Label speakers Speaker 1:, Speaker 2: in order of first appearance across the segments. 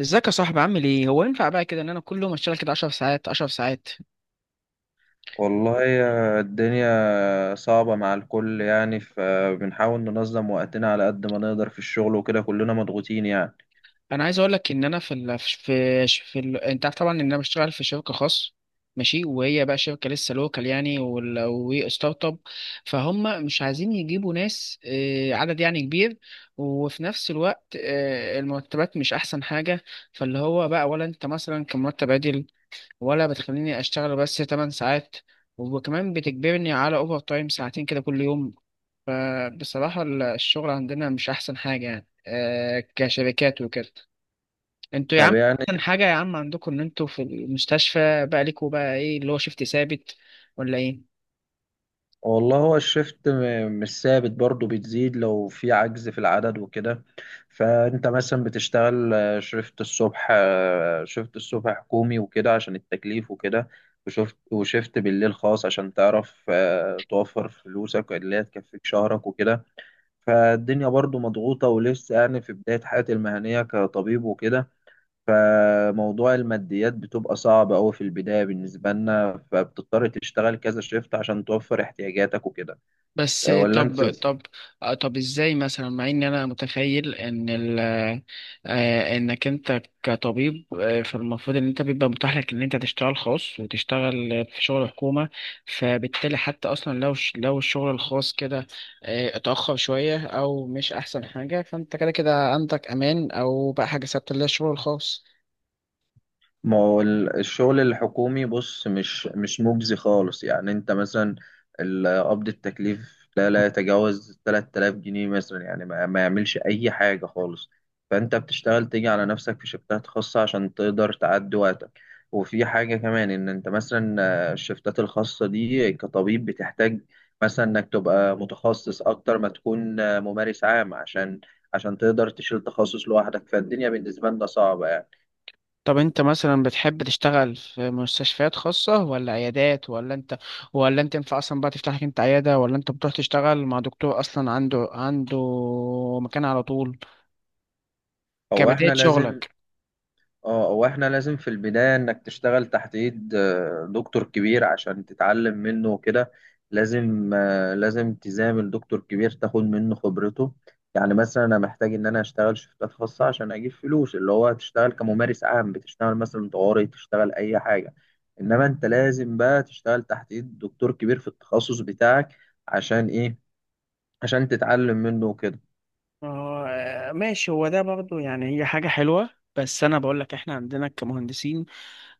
Speaker 1: ازيك يا صاحبي، عامل ايه؟ هو ينفع بقى كده ان انا كل يوم اشتغل كده 10 ساعات 10 ساعات؟
Speaker 2: والله يا الدنيا صعبة مع الكل، يعني فبنحاول ننظم وقتنا على قد ما نقدر في الشغل وكده، كلنا مضغوطين يعني.
Speaker 1: انا عايز اقول لك ان انا في ال... في في ال... انت عارف طبعا ان انا بشتغل في شركه خاص. ماشي، وهي بقى شركه لسه لوكال يعني، وستارت اب. فهم مش عايزين يجيبوا ناس، عدد يعني كبير. وفي نفس الوقت، المرتبات مش احسن حاجه. فاللي هو بقى، ولا انت مثلا كمرتب عادل، ولا بتخليني اشتغل بس 8 ساعات وكمان بتجبرني على اوفر تايم ساعتين كده كل يوم. فبصراحة الشغل عندنا مش أحسن حاجة يعني، كشركات وكده. انتوا يا
Speaker 2: طب
Speaker 1: عم
Speaker 2: يعني.
Speaker 1: أحسن حاجة، يا عم عندكم إن انتوا في المستشفى بقى ليكوا بقى، إيه اللي هو شيفت ثابت ولا إيه؟
Speaker 2: والله هو الشفت مش ثابت برضه، بتزيد لو في عجز في العدد وكده. فأنت مثلا بتشتغل شفت الصبح حكومي وكده عشان التكليف وكده، وشفت بالليل خاص عشان تعرف توفر فلوسك اللي هي تكفيك شهرك وكده. فالدنيا برضو مضغوطة، ولسه يعني في بداية حياتي المهنية كطبيب وكده. فموضوع الماديات بتبقى صعبة أوي في البداية بالنسبة لنا، فبتضطر تشتغل كذا شيفت عشان توفر احتياجاتك وكده.
Speaker 1: بس
Speaker 2: أه، ولا أنت.
Speaker 1: طب طب طب ازاي مثلا؟ مع ان انا متخيل ان ال آه، آه، انك انت كطبيب، فالمفروض ان انت بيبقى متاح لك ان انت تشتغل خاص وتشتغل في شغل حكومة. فبالتالي حتى اصلا لو لو الشغل الخاص كده، اتأخر شوية او مش احسن حاجة، فانت كده كده عندك امان او بقى حاجة ثابتة اللي هي الشغل الخاص.
Speaker 2: ما هو الشغل الحكومي بص مش مجزي خالص، يعني انت مثلا قبض التكليف لا لا يتجاوز 3000 جنيه مثلا، يعني ما يعملش اي حاجة خالص. فانت بتشتغل تيجي على نفسك في شفتات خاصة عشان تقدر تعدي وقتك. وفي حاجة كمان ان انت مثلا الشفتات الخاصة دي كطبيب بتحتاج مثلا انك تبقى متخصص اكتر ما تكون ممارس عام عشان تقدر تشيل تخصص لوحدك. فالدنيا بالنسبة لنا صعبة يعني.
Speaker 1: طب انت مثلا بتحب تشتغل في مستشفيات خاصة ولا عيادات، ولا انت ينفع اصلا بقى تفتح لك انت عيادة، ولا انت بتروح تشتغل مع دكتور اصلا عنده مكان على طول
Speaker 2: هو
Speaker 1: كبداية
Speaker 2: احنا لازم
Speaker 1: شغلك؟
Speaker 2: اه هو احنا لازم في البداية انك تشتغل تحت ايد دكتور كبير عشان تتعلم منه وكده. لازم تزامل دكتور كبير تاخد منه خبرته. يعني مثلا انا محتاج ان انا اشتغل شفتات خاصة عشان اجيب فلوس، اللي هو تشتغل كممارس عام بتشتغل مثلا طوارئ تشتغل اي حاجة. انما انت لازم بقى تشتغل تحت ايد دكتور كبير في التخصص بتاعك. عشان ايه؟ عشان تتعلم منه وكده.
Speaker 1: آه ماشي. هو ده برضو يعني هي حاجة حلوة. بس أنا بقول لك إحنا عندنا كمهندسين،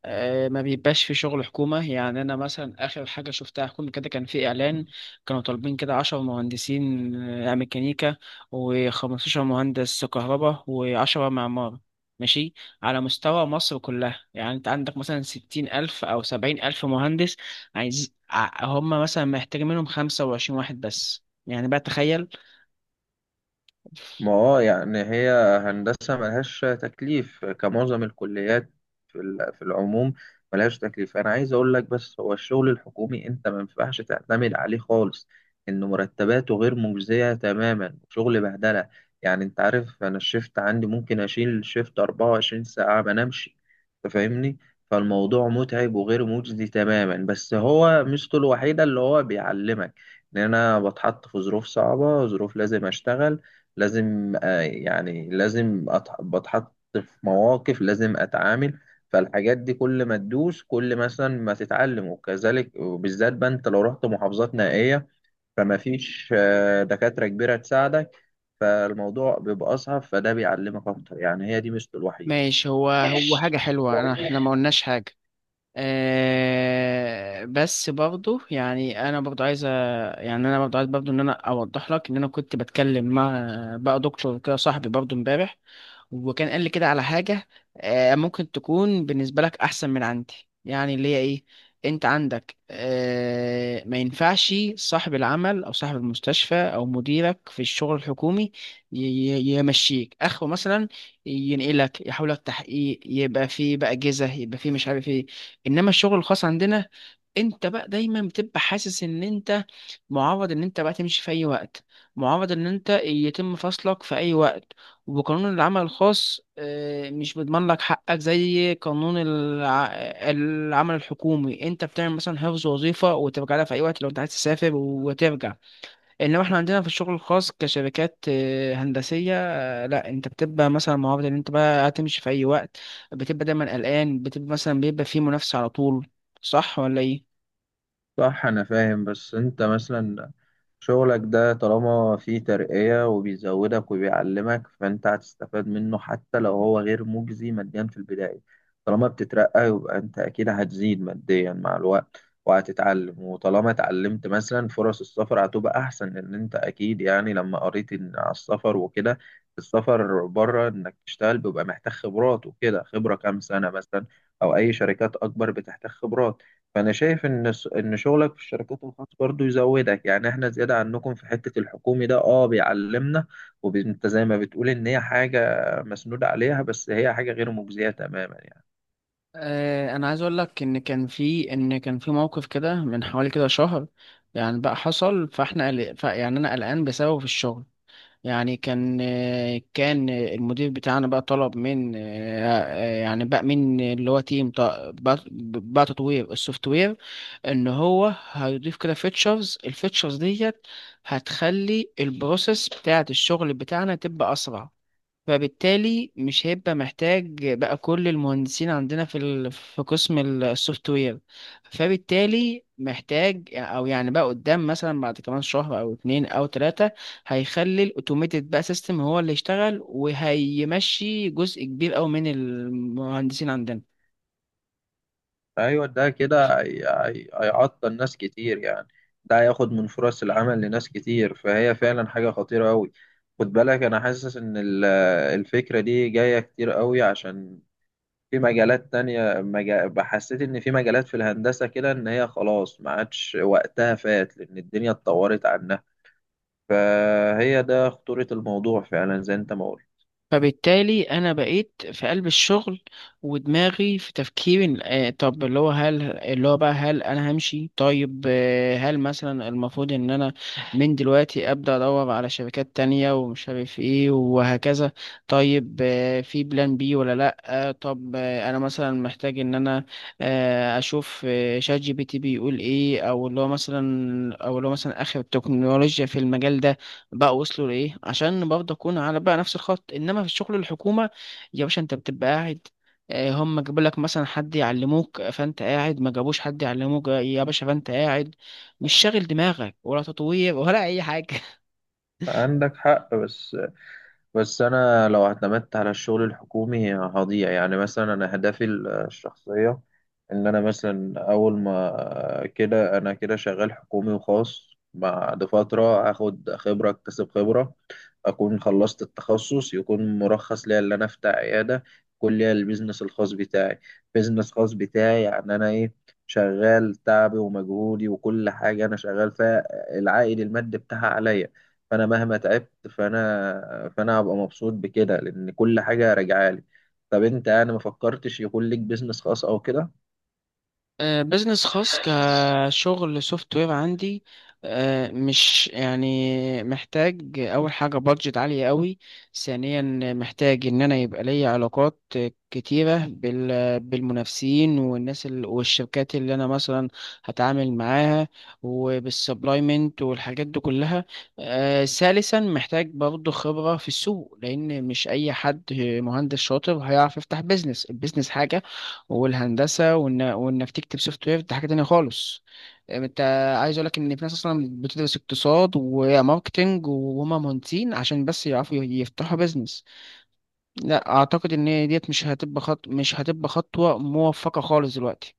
Speaker 1: ما بيبقاش في شغل حكومة. يعني أنا مثلا آخر حاجة شفتها حكومة كده كان في إعلان، كانوا طالبين كده 10 مهندسين ميكانيكا و15 مهندس كهرباء و10 معمار. ماشي، على مستوى مصر كلها. يعني أنت عندك مثلا 60 ألف أو 70 ألف مهندس عايز، هم مثلا محتاجين منهم 25 واحد بس. يعني بقى تخيل.
Speaker 2: ما هو يعني هي هندسة ملهاش تكليف كمعظم الكليات في العموم، ملهاش تكليف. أنا عايز أقول لك بس هو الشغل الحكومي أنت ما ينفعش تعتمد عليه خالص، إن مرتباته غير مجزية تماما، شغل بهدلة. يعني أنت عارف أنا الشيفت عندي ممكن أشيل شيفت 24 ساعة ما نمشي. أنت فاهمني. فالموضوع متعب وغير مجزي تماما، بس هو ميزته الوحيدة اللي هو بيعلمك إن أنا بتحط في ظروف صعبة، ظروف لازم أشتغل، لازم آه، يعني لازم أتح- بتحط في مواقف لازم اتعامل. فالحاجات دي كل ما تدوس، كل مثلا ما تتعلم وكذلك، وبالذات بقى انت لو رحت محافظات نائية فما فيش دكاترة كبيرة تساعدك، فالموضوع بيبقى اصعب، فده بيعلمك اكتر يعني. هي دي ميزته
Speaker 1: ماشي، هو حاجة حلوة.
Speaker 2: الوحيدة.
Speaker 1: إحنا ما قلناش حاجة. بس برضو يعني انا برضو عايز برضو ان انا اوضح لك ان انا كنت بتكلم مع بقى دكتور كده صاحبي برضو امبارح، وكان قال لي كده على حاجة ممكن تكون بالنسبة لك أحسن من عندي. يعني اللي هي إيه، أنت عندك، ما ينفعش صاحب العمل أو صاحب المستشفى أو مديرك في الشغل الحكومي يمشيك أخو مثلا، ينقلك، يحولك تحقيق، يبقى فيه بقى جزة، يبقى فيه مش عارف إيه. إنما الشغل الخاص عندنا، انت بقى دايما بتبقى حاسس ان انت معرض ان انت بقى تمشي في اي وقت، معرض ان انت يتم فصلك في اي وقت. وقانون العمل الخاص، مش بيضمن لك حقك زي قانون العمل الحكومي. انت بتعمل مثلا حفظ وظيفة وترجع لها في اي وقت لو انت عايز تسافر وترجع. انما احنا عندنا في الشغل الخاص كشركات، هندسية، لا، انت بتبقى مثلا معرض ان انت بقى هتمشي في اي وقت. بتبقى دايما قلقان، بتبقى مثلا بيبقى في منافسة على طول. صح ولا ايه؟
Speaker 2: صح. أنا فاهم. بس أنت مثلا شغلك ده طالما فيه ترقية وبيزودك وبيعلمك فأنت هتستفاد منه حتى لو هو غير مجزي ماديا في البداية. طالما بتترقى يبقى أنت أكيد هتزيد ماديا مع الوقت، وهتتعلم. وطالما اتعلمت مثلا، فرص السفر هتبقى أحسن، لأن أنت أكيد يعني لما قريت إن على السفر وكده، السفر بره إنك تشتغل بيبقى محتاج خبرات وكده، خبرة كام سنة مثلا أو أي شركات أكبر بتحتاج خبرات. فأنا شايف إن إن شغلك في الشركات الخاصة برضو يزودك. يعني إحنا زيادة عنكم في حتة الحكومي ده أه بيعلمنا. وأنت زي ما بتقول إن هي حاجة مسنودة عليها، بس هي حاجة غير مجزية تماما يعني.
Speaker 1: انا عايز اقول لك ان كان في موقف كده من حوالي كده شهر يعني بقى حصل. فاحنا يعني انا قلقان بسببه في الشغل. يعني كان المدير بتاعنا بقى طلب من يعني بقى من اللي هو تيم بقى تطوير السوفت وير، ان هو هيضيف كده الفيتشرز ديت هتخلي البروسيس بتاعة الشغل بتاعنا تبقى اسرع. فبالتالي مش هيبقى محتاج بقى كل المهندسين عندنا في قسم السوفت وير. فبالتالي محتاج، او يعني بقى قدام مثلا بعد كمان شهر او 2 او 3، هيخلي الاوتوميتد بقى سيستم هو اللي يشتغل وهيمشي جزء كبير قوي من المهندسين عندنا.
Speaker 2: أيوة، ده كده هيعطل ناس كتير يعني. ده هياخد من فرص العمل لناس كتير، فهي فعلا حاجة خطيرة أوي. خد بالك أنا حاسس إن الفكرة دي جاية كتير أوي عشان في مجالات تانية، حسيت إن في مجالات في الهندسة كده إن هي خلاص ما عادش وقتها، فات لأن الدنيا اتطورت عنها. فهي ده خطورة الموضوع فعلا، زي أنت ما قلت.
Speaker 1: فبالتالي انا بقيت في قلب الشغل ودماغي في تفكير، طب اللي هو هل اللي هو بقى هل انا همشي؟ طيب، هل مثلا المفروض ان انا من دلوقتي ابدا ادور على شركات تانية ومش عارف ايه وهكذا؟ طيب، في بلان بي ولا لا؟ آه، طب آه، انا مثلا محتاج ان انا، اشوف، شات جي بي تي بيقول ايه، او اللي هو مثلا اخر التكنولوجيا في المجال ده بقى وصلوا لايه، عشان برضه اكون على بقى نفس الخط. انما في الشغل الحكومه يا باشا انت بتبقى قاعد، هم جابوا لك مثلا حد يعلموك فانت قاعد، ما جابوش حد يعلموك يا باشا فانت قاعد مش شاغل دماغك ولا تطوير ولا اي حاجه.
Speaker 2: عندك حق بس. بس انا لو اعتمدت على الشغل الحكومي هضيع، يعني مثلا انا اهدافي الشخصيه ان انا مثلا اول ما كده انا كده شغال حكومي وخاص بعد فتره اخد خبره، اكتسب خبره، اكون خلصت التخصص، يكون مرخص ليا ان انا افتح عياده، يكون ليا البيزنس الخاص بتاعي. بيزنس خاص بتاعي يعني انا ايه، شغال تعبي ومجهودي وكل حاجه انا شغال فيها، العائد المادي بتاعها عليا. فانا مهما تعبت فانا هبقى مبسوط بكده، لان كل حاجه راجعه لي. طب انت يعني ما فكرتش يكون ليك بيزنس خاص او كده؟
Speaker 1: بزنس خاص كشغل سوفت وير عندي، مش يعني محتاج اول حاجه بادجت عاليه قوي. ثانيا، محتاج ان انا يبقى ليا علاقات كتيره بالمنافسين والناس والشركات اللي انا مثلا هتعامل معاها وبالسبلايمنت والحاجات دي كلها. ثالثا، محتاج برضه خبره في السوق، لان مش اي حد مهندس شاطر هيعرف يفتح بزنس. البزنس حاجه والهندسه، وانك تكتب سوفت وير دي حاجه تانية خالص. انت، عايز اقول لك ان في ناس اصلا بتدرس اقتصاد وماركتنج وهما مهندسين عشان بس يعرفوا يفتحوا بيزنس. لا اعتقد ان ديت مش هتبقى خطوه موفقه خالص دلوقتي.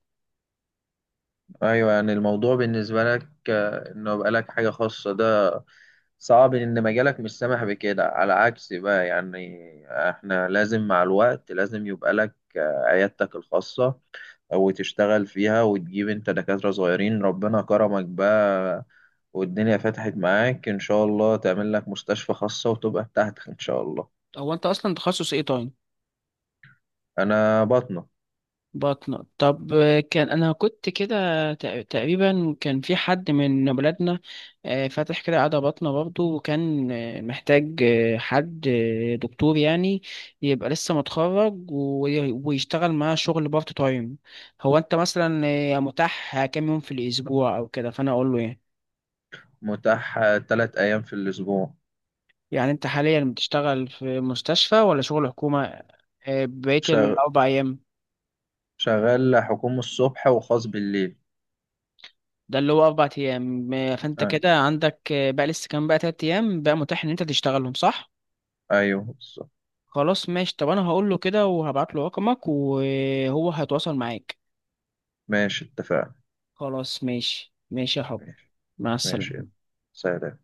Speaker 2: ايوه، يعني الموضوع بالنسبه لك انه يبقى لك حاجه خاصه ده صعب، ان مجالك مش سامح بكده، على عكس بقى يعني احنا لازم مع الوقت لازم يبقى لك عيادتك الخاصه وتشتغل فيها وتجيب انت دكاتره صغيرين. ربنا كرمك بقى والدنيا فتحت معاك، إن شاء الله تعمل لك مستشفى خاصة وتبقى بتاعتك إن شاء الله.
Speaker 1: هو انت اصلا تخصص ايه طيب؟
Speaker 2: أنا بطنة.
Speaker 1: بطنة؟ طب، كان أنا كنت كده تقريبا، كان في حد من ولادنا، فاتح كده عيادة بطنة برضه، وكان، محتاج، حد، دكتور يعني، يبقى لسه متخرج ويشتغل معاه شغل بارت تايم. هو أنت مثلا، متاح كام يوم في الأسبوع أو كده، فأنا أقول له. يعني
Speaker 2: متاح 3 أيام في الأسبوع.
Speaker 1: يعني أنت حاليا بتشتغل في مستشفى ولا شغل حكومة بقية
Speaker 2: شغ...
Speaker 1: الأربع أيام؟
Speaker 2: شغال حكومة الصبح وخاص بالليل.
Speaker 1: ده اللي هو 4 ايام. فانت
Speaker 2: أي-
Speaker 1: كده عندك، بقى لسه كام بقى 3 ايام بقى متاح ان انت تشتغلهم، صح؟
Speaker 2: أيوه بالظبط.
Speaker 1: خلاص ماشي. طب انا هقول له كده وهبعت له رقمك وهو هيتواصل معاك.
Speaker 2: ماشي اتفقنا.
Speaker 1: خلاص ماشي، ماشي يا حب.
Speaker 2: ماشي
Speaker 1: مع
Speaker 2: ماشي يلا.
Speaker 1: السلامة.
Speaker 2: سلام.